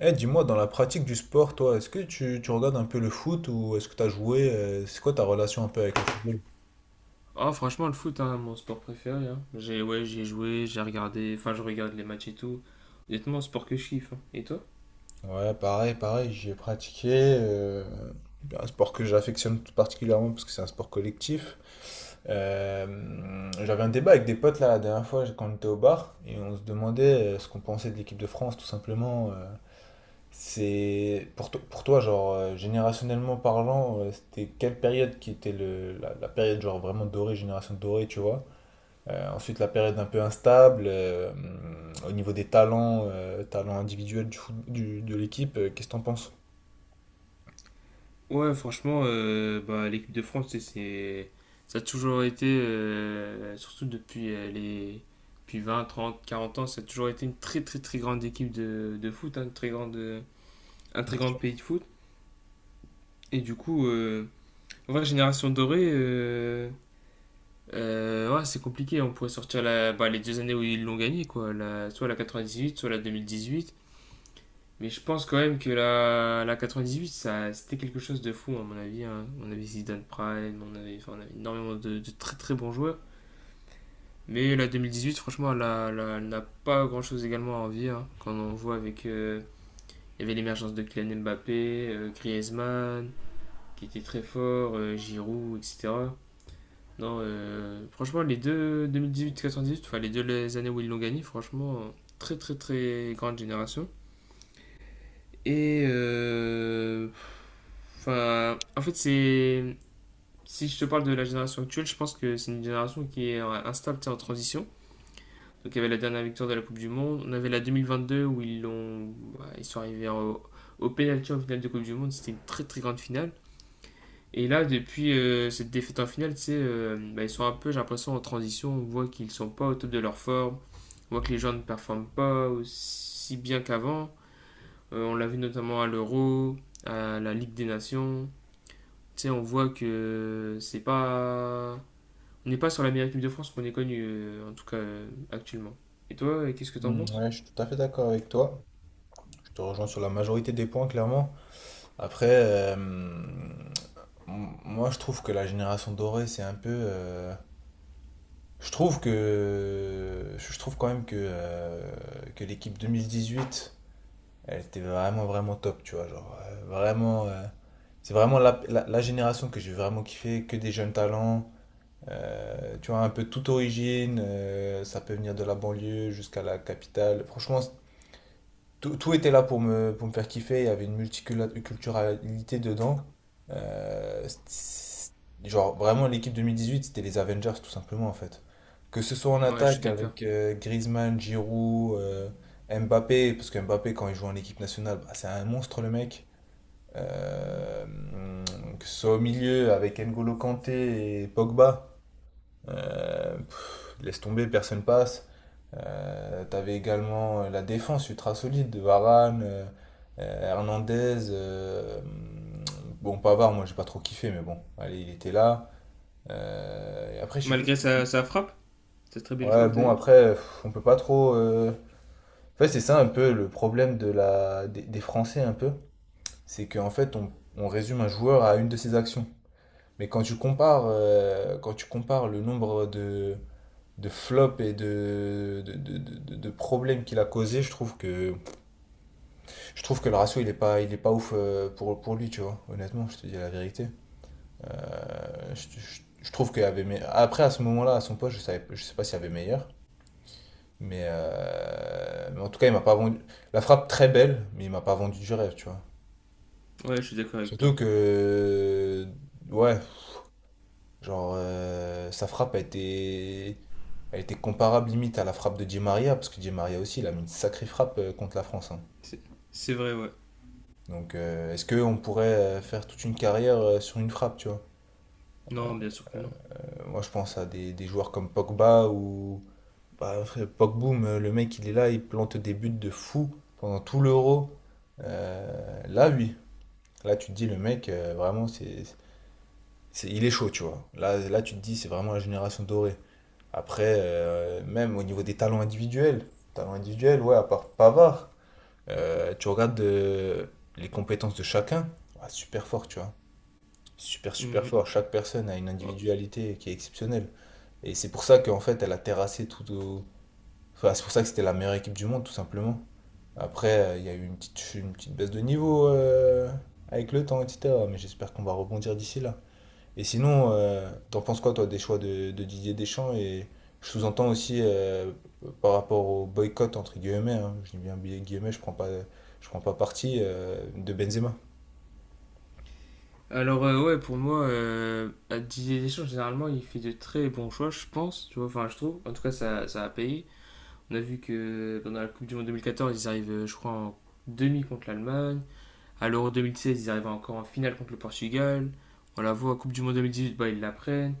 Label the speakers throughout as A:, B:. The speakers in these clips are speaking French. A: Eh, dis-moi, dans la pratique du sport, toi, est-ce que tu regardes un peu le foot ou est-ce que tu as joué? C'est quoi ta relation un peu avec le football?
B: Ah, franchement, le foot, hein, mon sport préféré, hein. J'ai ouais, j'ai joué, j'ai regardé, enfin, je regarde les matchs et tout. Honnêtement, sport que je kiffe, hein. Et toi?
A: Ouais, pareil, pareil, j'ai pratiqué euh, un sport que j'affectionne tout particulièrement parce que c'est un sport collectif. J'avais un débat avec des potes là la dernière fois quand on était au bar et on se demandait ce qu'on pensait de l'équipe de France tout simplement. C'est pour toi genre générationnellement parlant, c'était quelle période qui était la période genre vraiment dorée, génération dorée, tu vois? Ensuite, la période un peu instable, au niveau des talents, talents individuels de l'équipe, qu'est-ce que t'en penses?
B: Ouais, franchement, bah, l'équipe de France, tu sais, c'est ça a toujours été, surtout depuis 20, 30, 40 ans, ça a toujours été une très, très, très grande équipe de foot, hein, une très grande, un très
A: Bien
B: grand
A: sûr.
B: pays de foot. Et du coup, en vrai, génération dorée. Ouais, c'est compliqué. On pourrait sortir bah, les deux années où ils l'ont gagné, quoi. Soit la 98, soit la huit. Mais je pense quand même que la 98, ça, c'était quelque chose de fou, à mon avis, hein. On avait Zidane Prime, on avait, enfin, on avait énormément de très très bons joueurs. Mais la 2018, franchement, elle n'a pas grand-chose également à envier, hein. Quand on voit il y avait l'émergence de Kylian Mbappé, Griezmann, qui était très fort, Giroud, etc. Non, franchement, les deux 2018-98, enfin les années où ils l'ont gagné, franchement, très très très grande génération. Et enfin, en fait, c'est si je te parle de la génération actuelle, je pense que c'est une génération qui est instable, tu sais, en transition. Donc il y avait la dernière victoire de la Coupe du Monde, on avait la 2022 où bah, ils sont arrivés au penalty en finale de Coupe du Monde, c'était une très très grande finale. Et là, depuis cette défaite en finale, tu sais, bah, ils sont un peu, j'ai l'impression, en transition. On voit qu'ils sont pas au top de leur forme. On voit que les gens ne performent pas aussi bien qu'avant. On l'a vu notamment à l'Euro, à la Ligue des Nations. Tu sais, on voit que c'est pas. On n'est pas sur la meilleure équipe de France qu'on ait connue, en tout cas actuellement. Et toi, qu'est-ce que t'en
A: Hum,
B: penses?
A: ouais, je suis tout à fait d'accord avec toi. Je te rejoins sur la majorité des points, clairement. Après, moi, je trouve que la génération dorée, c'est un peu. Je trouve que. Je trouve quand même que l'équipe 2018 elle était vraiment, vraiment top, tu vois. Genre, vraiment. C'est vraiment la génération que j'ai vraiment kiffé, que des jeunes talents. Tu vois, un peu toute origine. Ça peut venir de la banlieue jusqu'à la capitale. Franchement, tout était là pour pour me faire kiffer, il y avait une multiculturalité dedans. Euh, c'est- genre, vraiment, l'équipe 2018, c'était les Avengers, tout simplement, en fait. Que ce soit en
B: Ouais, je suis
A: attaque
B: d'accord.
A: avec Griezmann, Giroud, Mbappé, parce que Mbappé, quand il joue en équipe nationale, bah, c'est un monstre, le mec. Euh, que ce soit au milieu avec N'Golo Kanté et Pogba, pff, laisse tomber, personne passe. T'avais également la défense ultra solide, de Varane, Hernandez. Bon, Pavard, moi j'ai pas trop kiffé, mais bon, allez, il était là. Et après, je sais plus
B: Malgré
A: c'était
B: sa,
A: qui.
B: sa frappe, sa très belle
A: Ouais,
B: frappe
A: bon,
B: d'ailleurs.
A: après, pff, on peut pas trop. En fait, c'est ça un peu le problème de des Français, un peu. C'est qu'en fait, on résume un joueur à une de ses actions. Mais quand tu compares le nombre de flops et de problèmes qu'il a causé, je trouve que je trouve que le ratio, il est pas ouf pour lui, tu vois. Honnêtement, je te dis la vérité. Je trouve qu'il y avait après, à ce moment-là, à son poste, je sais pas s'il y avait meilleur. Mais en tout cas, il m'a pas vendu. La frappe très belle, mais il m'a pas vendu du rêve, tu vois.
B: Ouais, je suis d'accord avec toi.
A: Surtout que. Ouais, genre, sa frappe a été. A été comparable limite à la frappe de Di Maria, parce que Di Maria aussi, il a mis une sacrée frappe contre la France, hein.
B: C'est c'est vrai, ouais.
A: Donc, est-ce qu'on pourrait faire toute une carrière sur une frappe, tu vois?
B: Non, bien sûr que non.
A: Moi, je pense à des joueurs comme Pogba ou bah, Pogboom, le mec, il est là, il plante des buts de fou pendant tout l'Euro. Là, oui. Là, tu te dis, le mec, vraiment, il est chaud, tu vois. Là, tu te dis, c'est vraiment la génération dorée. Après, même au niveau des talents individuels, ouais, à part Pavard, tu regardes les compétences de chacun, ouais, super fort, tu vois. Super, super
B: Mhm.
A: fort. Chaque personne a une
B: Ouais.
A: individualité qui est exceptionnelle. Et c'est pour ça qu'en fait, elle a terrassé tout au. Enfin, c'est pour ça que c'était la meilleure équipe du monde, tout simplement. Après, il y a eu une petite baisse de niveau avec le temps, etc. Mais j'espère qu'on va rebondir d'ici là. Et sinon, t'en penses quoi, toi, des choix de Didier Deschamps? Et je sous-entends aussi par rapport au boycott, entre guillemets, hein. Je dis bien guillemets, je prends pas parti de Benzema.
B: Alors, ouais, pour moi, à Didier Deschamps, généralement, il fait de très bons choix, je pense, tu vois, enfin je trouve, en tout cas ça a payé. On a vu que pendant la Coupe du Monde 2014, ils arrivent, je crois, en demi contre l'Allemagne. À l'Euro 2016, ils arrivent encore en finale contre le Portugal. On la voit à Coupe du Monde 2018, bah, ils la prennent.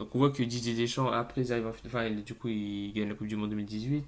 B: Donc on voit que Didier Deschamps, après, ils arrivent en finale, enfin, du coup, ils gagnent la Coupe du Monde 2018.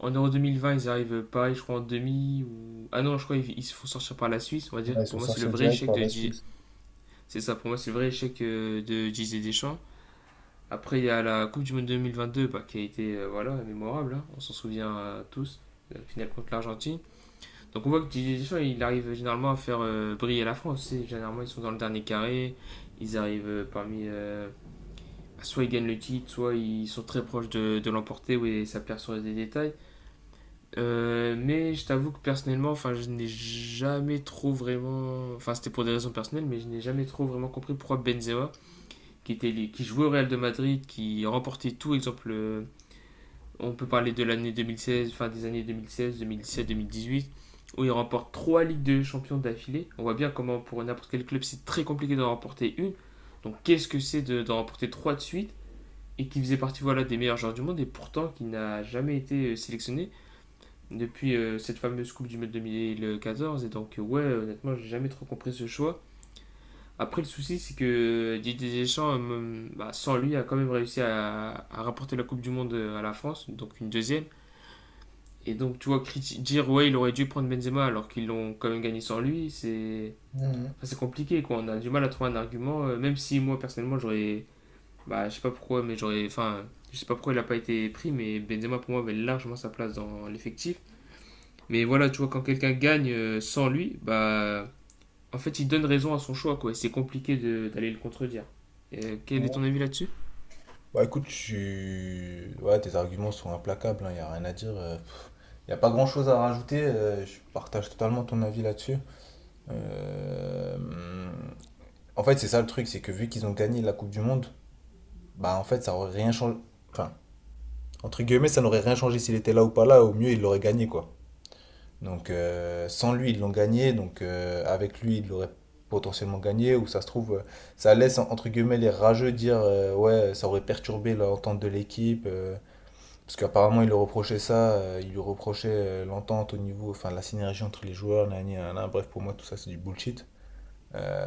B: En Euro 2020, ils arrivent pareil, je crois, en demi. Ah non, je crois qu'ils ils se font sortir par la Suisse, on va dire.
A: Ouais, ils sont
B: Pour moi,
A: sortis direct par la Suisse.
B: C'est ça, pour moi, c'est le vrai échec de Didier Deschamps. Après, il y a la Coupe du Monde 2022, bah, qui a été, voilà, mémorable, hein. On s'en souvient, tous, la finale contre l'Argentine. Donc on voit que Didier Deschamps, il arrive généralement à faire briller la France. Généralement, ils sont dans le dernier carré, ils arrivent, soit ils gagnent le titre, soit ils sont très proches de l'emporter, oui, ça perd sur des détails. Mais je t'avoue que personnellement, enfin, je n'ai jamais trop vraiment. Enfin, c'était pour des raisons personnelles, mais je n'ai jamais trop vraiment compris pourquoi Benzema qui jouait au Real de Madrid, qui remportait tout. Exemple, on peut parler de l'année 2016, fin des années 2016, 2017, 2018, où il remporte trois Ligues de Champions d'affilée. On voit bien comment pour n'importe quel club, c'est très compliqué d'en remporter une. Donc qu'est-ce que c'est d'en remporter trois de suite, et qui faisait partie, voilà, des meilleurs joueurs du monde et pourtant qui n'a jamais été sélectionné depuis cette fameuse Coupe du Monde 2014. Et donc, ouais, honnêtement, j'ai jamais trop compris ce choix. Après, le souci, c'est que Didier Deschamps, bah, sans lui, a quand même réussi à rapporter la Coupe du Monde à la France, donc une deuxième. Et donc, tu vois, dire ouais, il aurait dû prendre Benzema alors qu'ils l'ont quand même gagné sans lui, c'est enfin, c'est compliqué, quoi. On a du mal à trouver un argument, même si moi personnellement, j'aurais. Bah, je sais pas pourquoi, mais j'aurais. Enfin, je sais pas pourquoi il a pas été pris, mais Benzema pour moi avait largement sa place dans l'effectif. Mais voilà, tu vois, quand quelqu'un gagne sans lui, bah. En fait, il donne raison à son choix, quoi. Et c'est compliqué d'aller le contredire. Quel est ton
A: Mhm.
B: avis là-dessus?
A: Bah écoute, ouais, tes arguments sont implacables, il n'y a rien à dire. Il n'y a pas grand-chose à rajouter, je partage totalement ton avis là-dessus. Euh, En fait, c'est ça le truc, c'est que vu qu'ils ont gagné la Coupe du Monde, bah en fait, ça aurait rien changé. Enfin, entre guillemets, ça n'aurait rien changé s'il était là ou pas là, au mieux, il l'aurait gagné, quoi. Donc, sans lui, ils l'ont gagné, donc avec lui, ils l'auraient potentiellement gagné, ou ça se trouve, ça laisse, entre guillemets, les rageux dire, ouais, ça aurait perturbé l'entente de l'équipe. Parce qu'apparemment, il lui reprochait ça, il lui reprochait l'entente au niveau, enfin la synergie entre les joueurs, nanani, nanana. Bref, pour moi, tout ça, c'est du bullshit. Euh,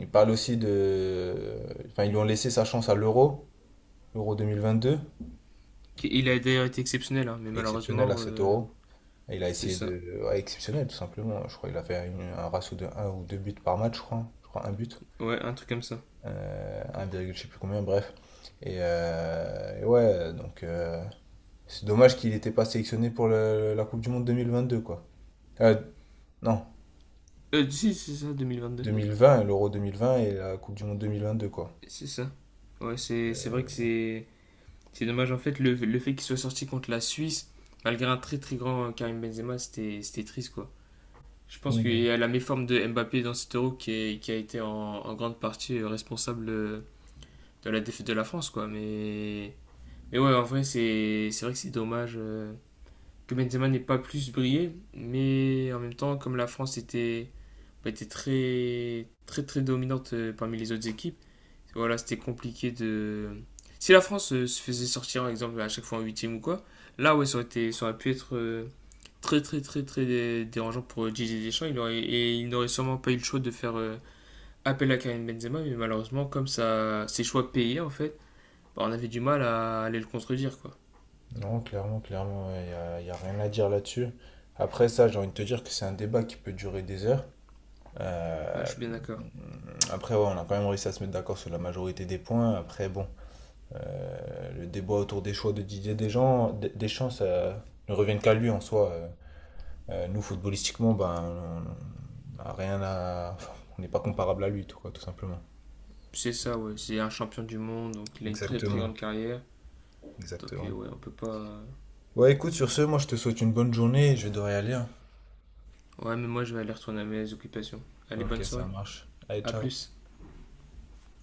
A: il parle aussi de. Enfin, ils lui ont laissé sa chance à l'euro, l'euro 2022,
B: Il a d'ailleurs été exceptionnel, hein, mais
A: exceptionnel
B: malheureusement,
A: à cet euro. Il a
B: c'est
A: essayé
B: ça.
A: de. Ouais, exceptionnel, tout simplement. Je crois qu'il a fait un ratio de un ou 2 buts par match, je crois. Je crois un but.
B: Ouais, un truc comme ça.
A: 1, virgule je sais plus combien, bref. Et ouais, donc c'est dommage qu'il n'était pas sélectionné pour la Coupe du Monde 2022, quoi. Euh, non,
B: Si, c'est ça, 2022.
A: 2020, l'Euro 2020 et la Coupe du Monde 2022, quoi.
B: C'est ça. Ouais, c'est vrai
A: Euh,
B: que c'est dommage, en fait, le fait qu'il soit sorti contre la Suisse, malgré un très très grand, Karim Benzema, c'était triste, quoi. Je pense qu'il
A: Mhm.
B: y a la méforme de Mbappé dans cet euro qui a été en grande partie, responsable, de la défaite de la France, quoi. Mais ouais, en vrai, c'est vrai que c'est dommage que Benzema n'ait pas plus brillé, mais en même temps, comme la France bah, était très, très, très dominante, parmi les autres équipes, voilà, c'était compliqué de. Si la France se faisait sortir, par exemple, à chaque fois en huitième ou quoi, là, ouais, ça aurait été, ça aurait pu être, très, très, très, très dérangeant pour Didier Deschamps, et il n'aurait sûrement pas eu le choix de faire appel à Karim Benzema, mais malheureusement, comme ça, ses choix payaient, en fait, bah, on avait du mal à aller le contredire, quoi.
A: Non, clairement, clairement, y a rien à dire là-dessus. Après ça, j'ai envie de te dire que c'est un débat qui peut durer des heures.
B: Ouais, je
A: Euh,
B: suis bien d'accord.
A: après, ouais, on a quand même réussi à se mettre d'accord sur la majorité des points. Après, bon, le débat autour des choix de Didier Deschamps, Deschamps, ça ne revient qu'à lui en soi. Nous, footballistiquement, ben, on on a rien à on n'est pas comparable à lui, tout, quoi, tout simplement.
B: C'est ça, ouais. C'est un champion du monde, donc il a une très très grande
A: Exactement.
B: carrière. Donc,
A: Exactement.
B: ouais, on peut pas.
A: Ouais, écoute, sur ce, moi je te souhaite une bonne journée et je vais devoir y aller, hein.
B: Ouais, mais moi je vais aller retourner à mes occupations. Allez,
A: Ok,
B: bonne
A: ça
B: soirée.
A: marche. Allez,
B: À
A: ciao.
B: plus.